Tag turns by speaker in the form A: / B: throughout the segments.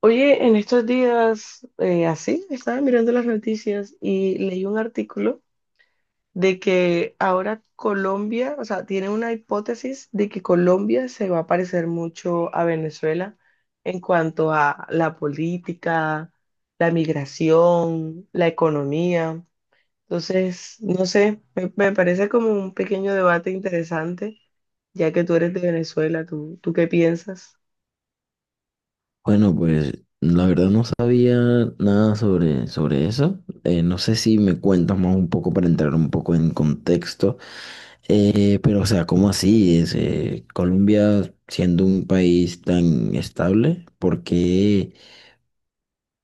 A: Oye, en estos días, así, estaba mirando las noticias y leí un artículo de que ahora Colombia, o sea, tiene una hipótesis de que Colombia se va a parecer mucho a Venezuela en cuanto a la política, la migración, la economía. Entonces, no sé, me parece como un pequeño debate interesante, ya que tú eres de Venezuela, ¿tú qué piensas?
B: Bueno, pues la verdad no sabía nada sobre eso. No sé si me cuentas más un poco para entrar un poco en contexto. Pero, o sea, ¿cómo así? Colombia siendo un país tan estable, ¿por qué,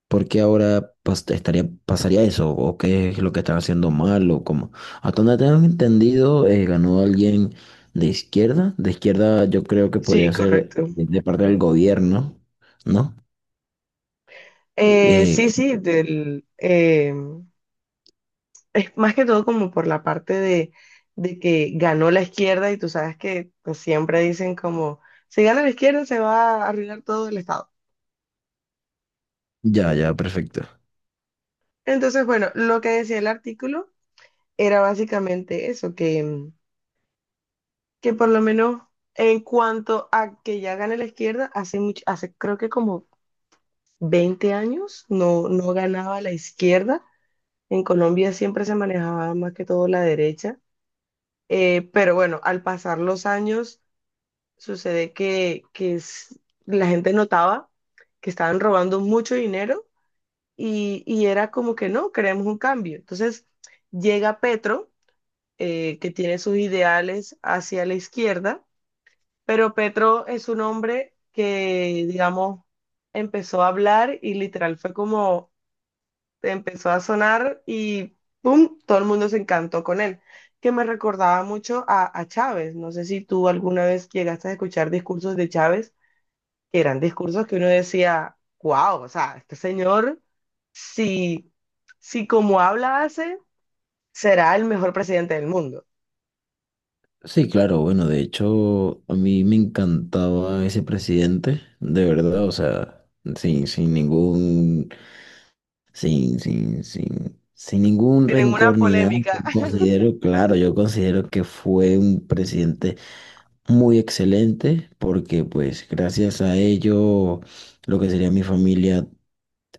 B: por qué ahora pasaría eso? ¿O qué es lo que están haciendo mal? ¿O cómo? Hasta donde tengo entendido, ganó alguien de izquierda. De izquierda yo creo que
A: Sí,
B: podría ser
A: correcto.
B: de parte del gobierno, ¿no?
A: Eh,
B: Eh,
A: sí, sí, del, es más que todo como por la parte de que ganó la izquierda y tú sabes que pues, siempre dicen como, si gana la izquierda se va a arruinar todo el Estado.
B: Ya, ya, perfecto.
A: Entonces, bueno, lo que decía el artículo era básicamente eso, que por lo menos en cuanto a que ya gana la izquierda, hace mucho, hace creo que como 20 años no ganaba la izquierda. En Colombia siempre se manejaba más que todo la derecha. Pero bueno, al pasar los años, sucede la gente notaba que estaban robando mucho dinero y era como que no, queremos un cambio. Entonces llega Petro, que tiene sus ideales hacia la izquierda, pero Petro es un hombre que, digamos, empezó a hablar y literal fue como empezó a sonar y ¡pum! Todo el mundo se encantó con él, que me recordaba mucho a Chávez. No sé si tú alguna vez llegaste a escuchar discursos de Chávez, que eran discursos que uno decía, wow, o sea, este señor, si, si como habla hace, será el mejor presidente del mundo.
B: Sí, claro, bueno, de hecho, a mí me encantaba ese presidente, de verdad, o sea, sin, sin ningún, sin, sin, sin, sin ningún
A: Tienen una
B: rencor ni nada.
A: polémica
B: Claro, yo considero que fue un presidente muy excelente, porque pues gracias a ello, lo que sería mi familia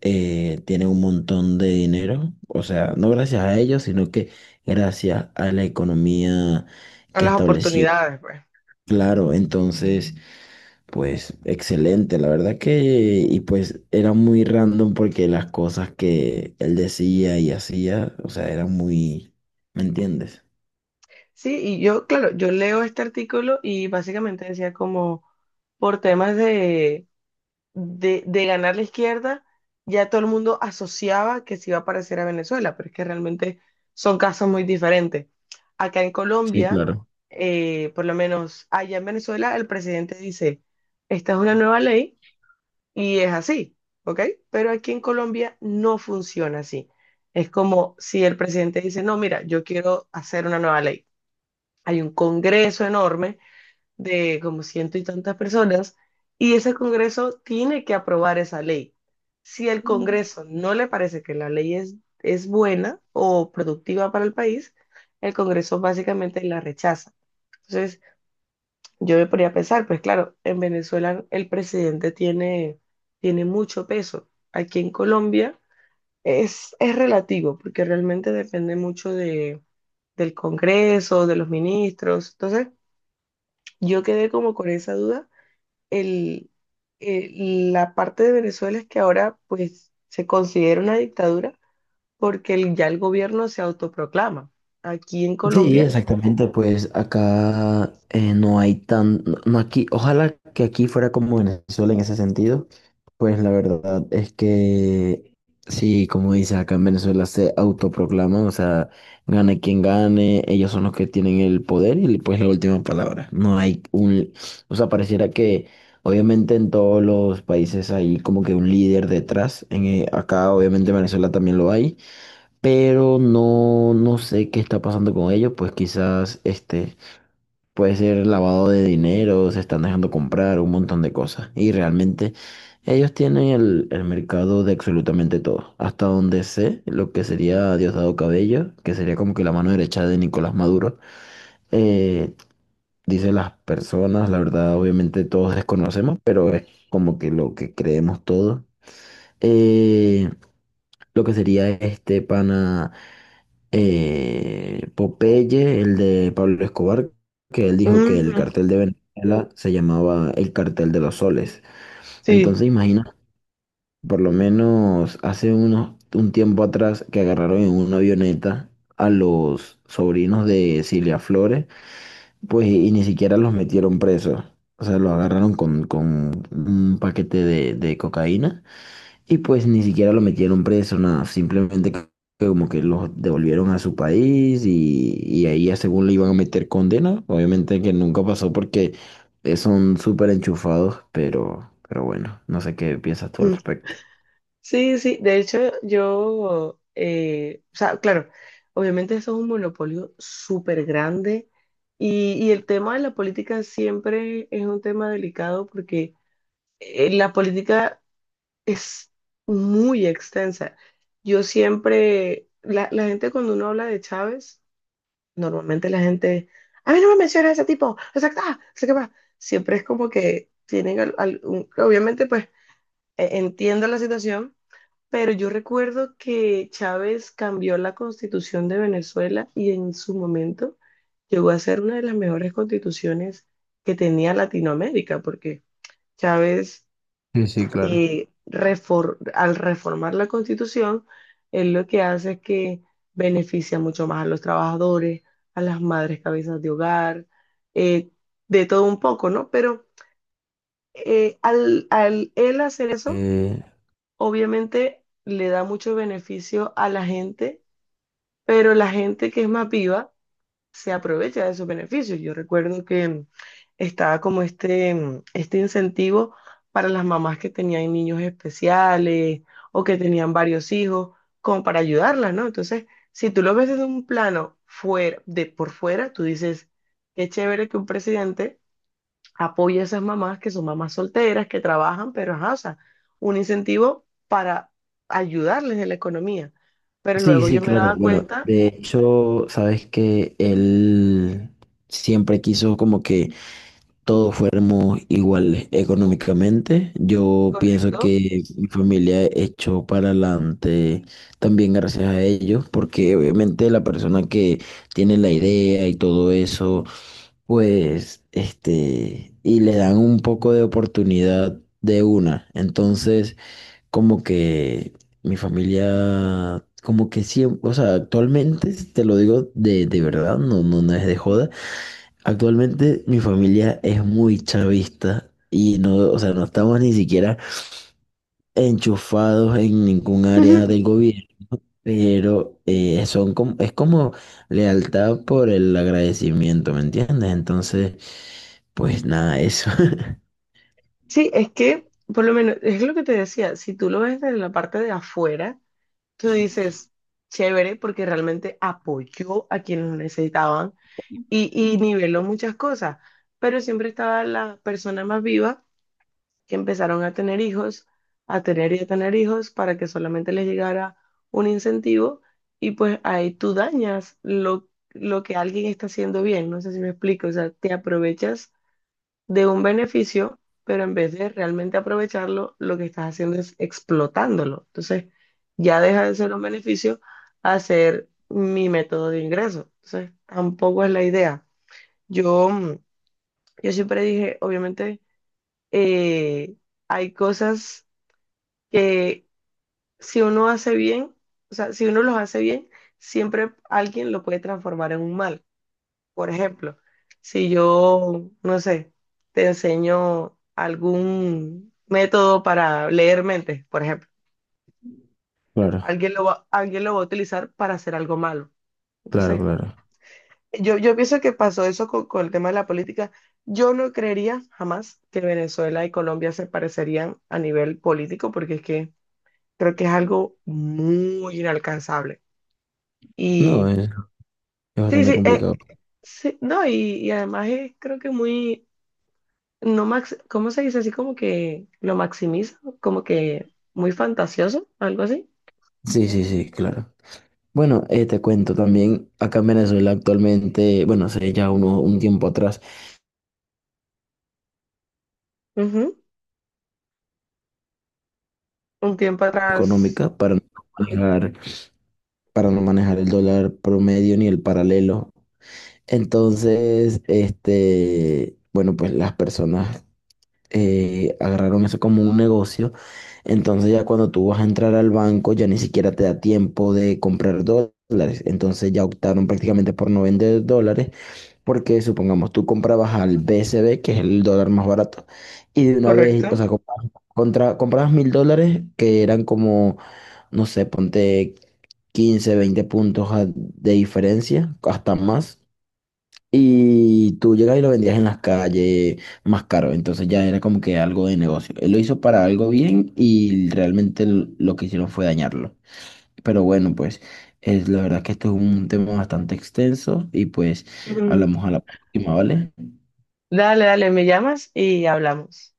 B: tiene un montón de dinero, o sea, no gracias a ellos, sino que gracias a la economía
A: con
B: que
A: las
B: establecieron.
A: oportunidades, pues.
B: Claro, entonces, pues excelente, la verdad que, y pues era muy random porque las cosas que él decía y hacía, o sea, eran muy, ¿me entiendes?
A: Sí, y yo, claro, yo leo este artículo y básicamente decía como por temas de de ganar la izquierda, ya todo el mundo asociaba que se iba a parecer a Venezuela, pero es que realmente son casos muy diferentes. Acá en
B: Sí,
A: Colombia,
B: claro.
A: por lo menos allá en Venezuela, el presidente dice, esta es una nueva ley y es así, ¿ok? Pero aquí en Colombia no funciona así. Es como si el presidente dice, no, mira, yo quiero hacer una nueva ley. Hay un congreso enorme de como ciento y tantas personas, y ese Congreso tiene que aprobar esa ley. Si el Congreso no le parece que la ley es buena o productiva para el país, el Congreso básicamente la rechaza. Entonces, yo me ponía a pensar, pues claro, en Venezuela el presidente tiene, tiene mucho peso. Aquí en Colombia es relativo, porque realmente depende mucho de, del Congreso, de los ministros. Entonces, yo quedé como con esa duda el, eh, la parte de Venezuela es que ahora pues se considera una dictadura porque ya el gobierno se autoproclama. Aquí en
B: Sí,
A: Colombia.
B: exactamente, pues acá no hay tan, no no aquí, ojalá que aquí fuera como Venezuela en ese sentido, pues la verdad es que sí, como dices, acá en Venezuela se autoproclaman, o sea, gane quien gane, ellos son los que tienen el poder y pues la última palabra, no hay un, o sea, pareciera que obviamente en todos los países hay como que un líder detrás, acá obviamente en Venezuela también lo hay pero no, no sé qué está pasando con ellos, pues quizás este puede ser lavado de dinero, se están dejando comprar un montón de cosas y realmente ellos tienen el mercado de absolutamente todo, hasta donde sé lo que sería Diosdado Cabello, que sería como que la mano derecha de Nicolás Maduro, eh, dice las personas, la verdad obviamente todos desconocemos, pero es como que lo que creemos todos. Eh, lo que sería este pana. Popeye, el de Pablo Escobar, que él dijo que el
A: Ujú,
B: cartel de Venezuela se llamaba el cartel de los soles.
A: sí,
B: Entonces imagina, por lo menos hace un tiempo atrás que agarraron en una avioneta a los sobrinos de Cilia Flores, pues y, ni siquiera los metieron presos. O sea, los agarraron con un paquete de cocaína y pues ni siquiera lo metieron preso, nada, simplemente que como que los devolvieron a su país y ahí ya según le iban a meter condena, obviamente que nunca pasó porque son súper enchufados, pero bueno, no sé qué piensas tú al
A: ujú.
B: respecto.
A: Sí. De hecho, yo, o sea, claro, obviamente eso es un monopolio súper grande y el tema de la política siempre es un tema delicado porque la política es muy extensa. Yo siempre, la gente cuando uno habla de Chávez, normalmente la gente, a mí no me menciona ese tipo, exacta, sé qué va. Siempre es como que tienen, obviamente pues entiendo la situación, pero yo recuerdo que Chávez cambió la constitución de Venezuela y en su momento llegó a ser una de las mejores constituciones que tenía Latinoamérica, porque Chávez
B: Sí, sí, claro.
A: al reformar la Constitución, él lo que hace es que beneficia mucho más a los trabajadores, a las madres cabezas de hogar, eh, de todo un poco, ¿no? Pero al él hacer eso,
B: Eh,
A: obviamente le da mucho beneficio a la gente, pero la gente que es más viva se aprovecha de esos beneficios. Yo recuerdo que estaba como este incentivo para las mamás que tenían niños especiales o que tenían varios hijos, como para ayudarlas, ¿no? Entonces, si tú lo ves desde un plano fuera, de por fuera, tú dices, qué chévere que un presidente apoye a esas mamás que son mamás solteras, que trabajan, pero ajá, o sea, un incentivo para ayudarles en la economía. Pero
B: sí,
A: luego
B: sí,
A: yo me
B: claro.
A: daba
B: Bueno,
A: cuenta,
B: de hecho, sabes que él siempre quiso como que todos fuéramos iguales económicamente. Yo pienso
A: correcto.
B: que mi familia echó para adelante también gracias a ellos, porque obviamente la persona que tiene la idea y todo eso, pues, este, y le dan un poco de oportunidad de una. Entonces, como que mi familia... Como que siempre, o sea, actualmente, te lo digo de verdad, no, no, no es de joda. Actualmente mi familia es muy chavista y no, o sea, no estamos ni siquiera enchufados en ningún área del gobierno, pero son como, es como lealtad por el agradecimiento, ¿me entiendes? Entonces, pues nada, eso.
A: Sí, es que, por lo menos, es lo que te decía, si tú lo ves desde la parte de afuera, tú dices, chévere, porque realmente apoyó a quienes lo necesitaban y niveló muchas cosas, pero siempre estaba la persona más viva que empezaron a tener hijos, a tener y a tener hijos para que solamente les llegara un incentivo y pues ahí tú dañas lo que alguien está haciendo bien, no sé si me explico, o sea, te aprovechas de un beneficio, pero en vez de realmente aprovecharlo, lo que estás haciendo es explotándolo. Entonces, ya deja de ser un beneficio a ser mi método de ingreso. Entonces, tampoco es la idea. Yo, mm, yo siempre dije, obviamente, eh, hay cosas que si uno hace bien, o sea, si uno los hace bien, siempre alguien lo puede transformar en un mal. Por ejemplo, si yo, no sé, te enseño algún método para leer mentes, por ejemplo,
B: Claro,
A: alguien lo va a utilizar para hacer algo malo.
B: claro,
A: Entonces,
B: claro.
A: yo pienso que pasó eso con el tema de la política. Yo no creería jamás que Venezuela y Colombia se parecerían a nivel político, porque es que creo que es algo muy inalcanzable.
B: No,
A: Y
B: es
A: sí,
B: bastante
A: sí,
B: complicado.
A: sí, no, y además es creo que muy no max, ¿cómo se dice? Así como que lo maximiza, como que muy fantasioso, algo así.
B: Sí, sí, sí, claro. Bueno, te cuento también, acá en Venezuela actualmente, bueno, hace ya un tiempo atrás,
A: Ujú. Un tiempo atrás.
B: económica para no pagar para no manejar el dólar promedio ni el paralelo. Entonces, este, bueno, pues las personas agarraron eso como un negocio. Entonces ya cuando tú vas a entrar al banco, ya ni siquiera te da tiempo de comprar dólares. Entonces ya optaron prácticamente por no vender dólares, porque supongamos tú comprabas al BCB, que es el dólar más barato, y de una vez, o
A: Correcto.
B: sea, comprabas, contra, comprabas 1000 dólares, que eran como no sé, ponte 15 20 puntos de diferencia, hasta más. Y tú llegas y lo vendías en las calles más caro. Entonces ya era como que algo de negocio. Él lo hizo para algo bien y realmente lo que hicieron fue dañarlo. Pero bueno, pues es la verdad que esto es un tema bastante extenso y pues
A: Mm.
B: hablamos a la próxima, ¿vale?
A: Dale, dale, me llamas y hablamos.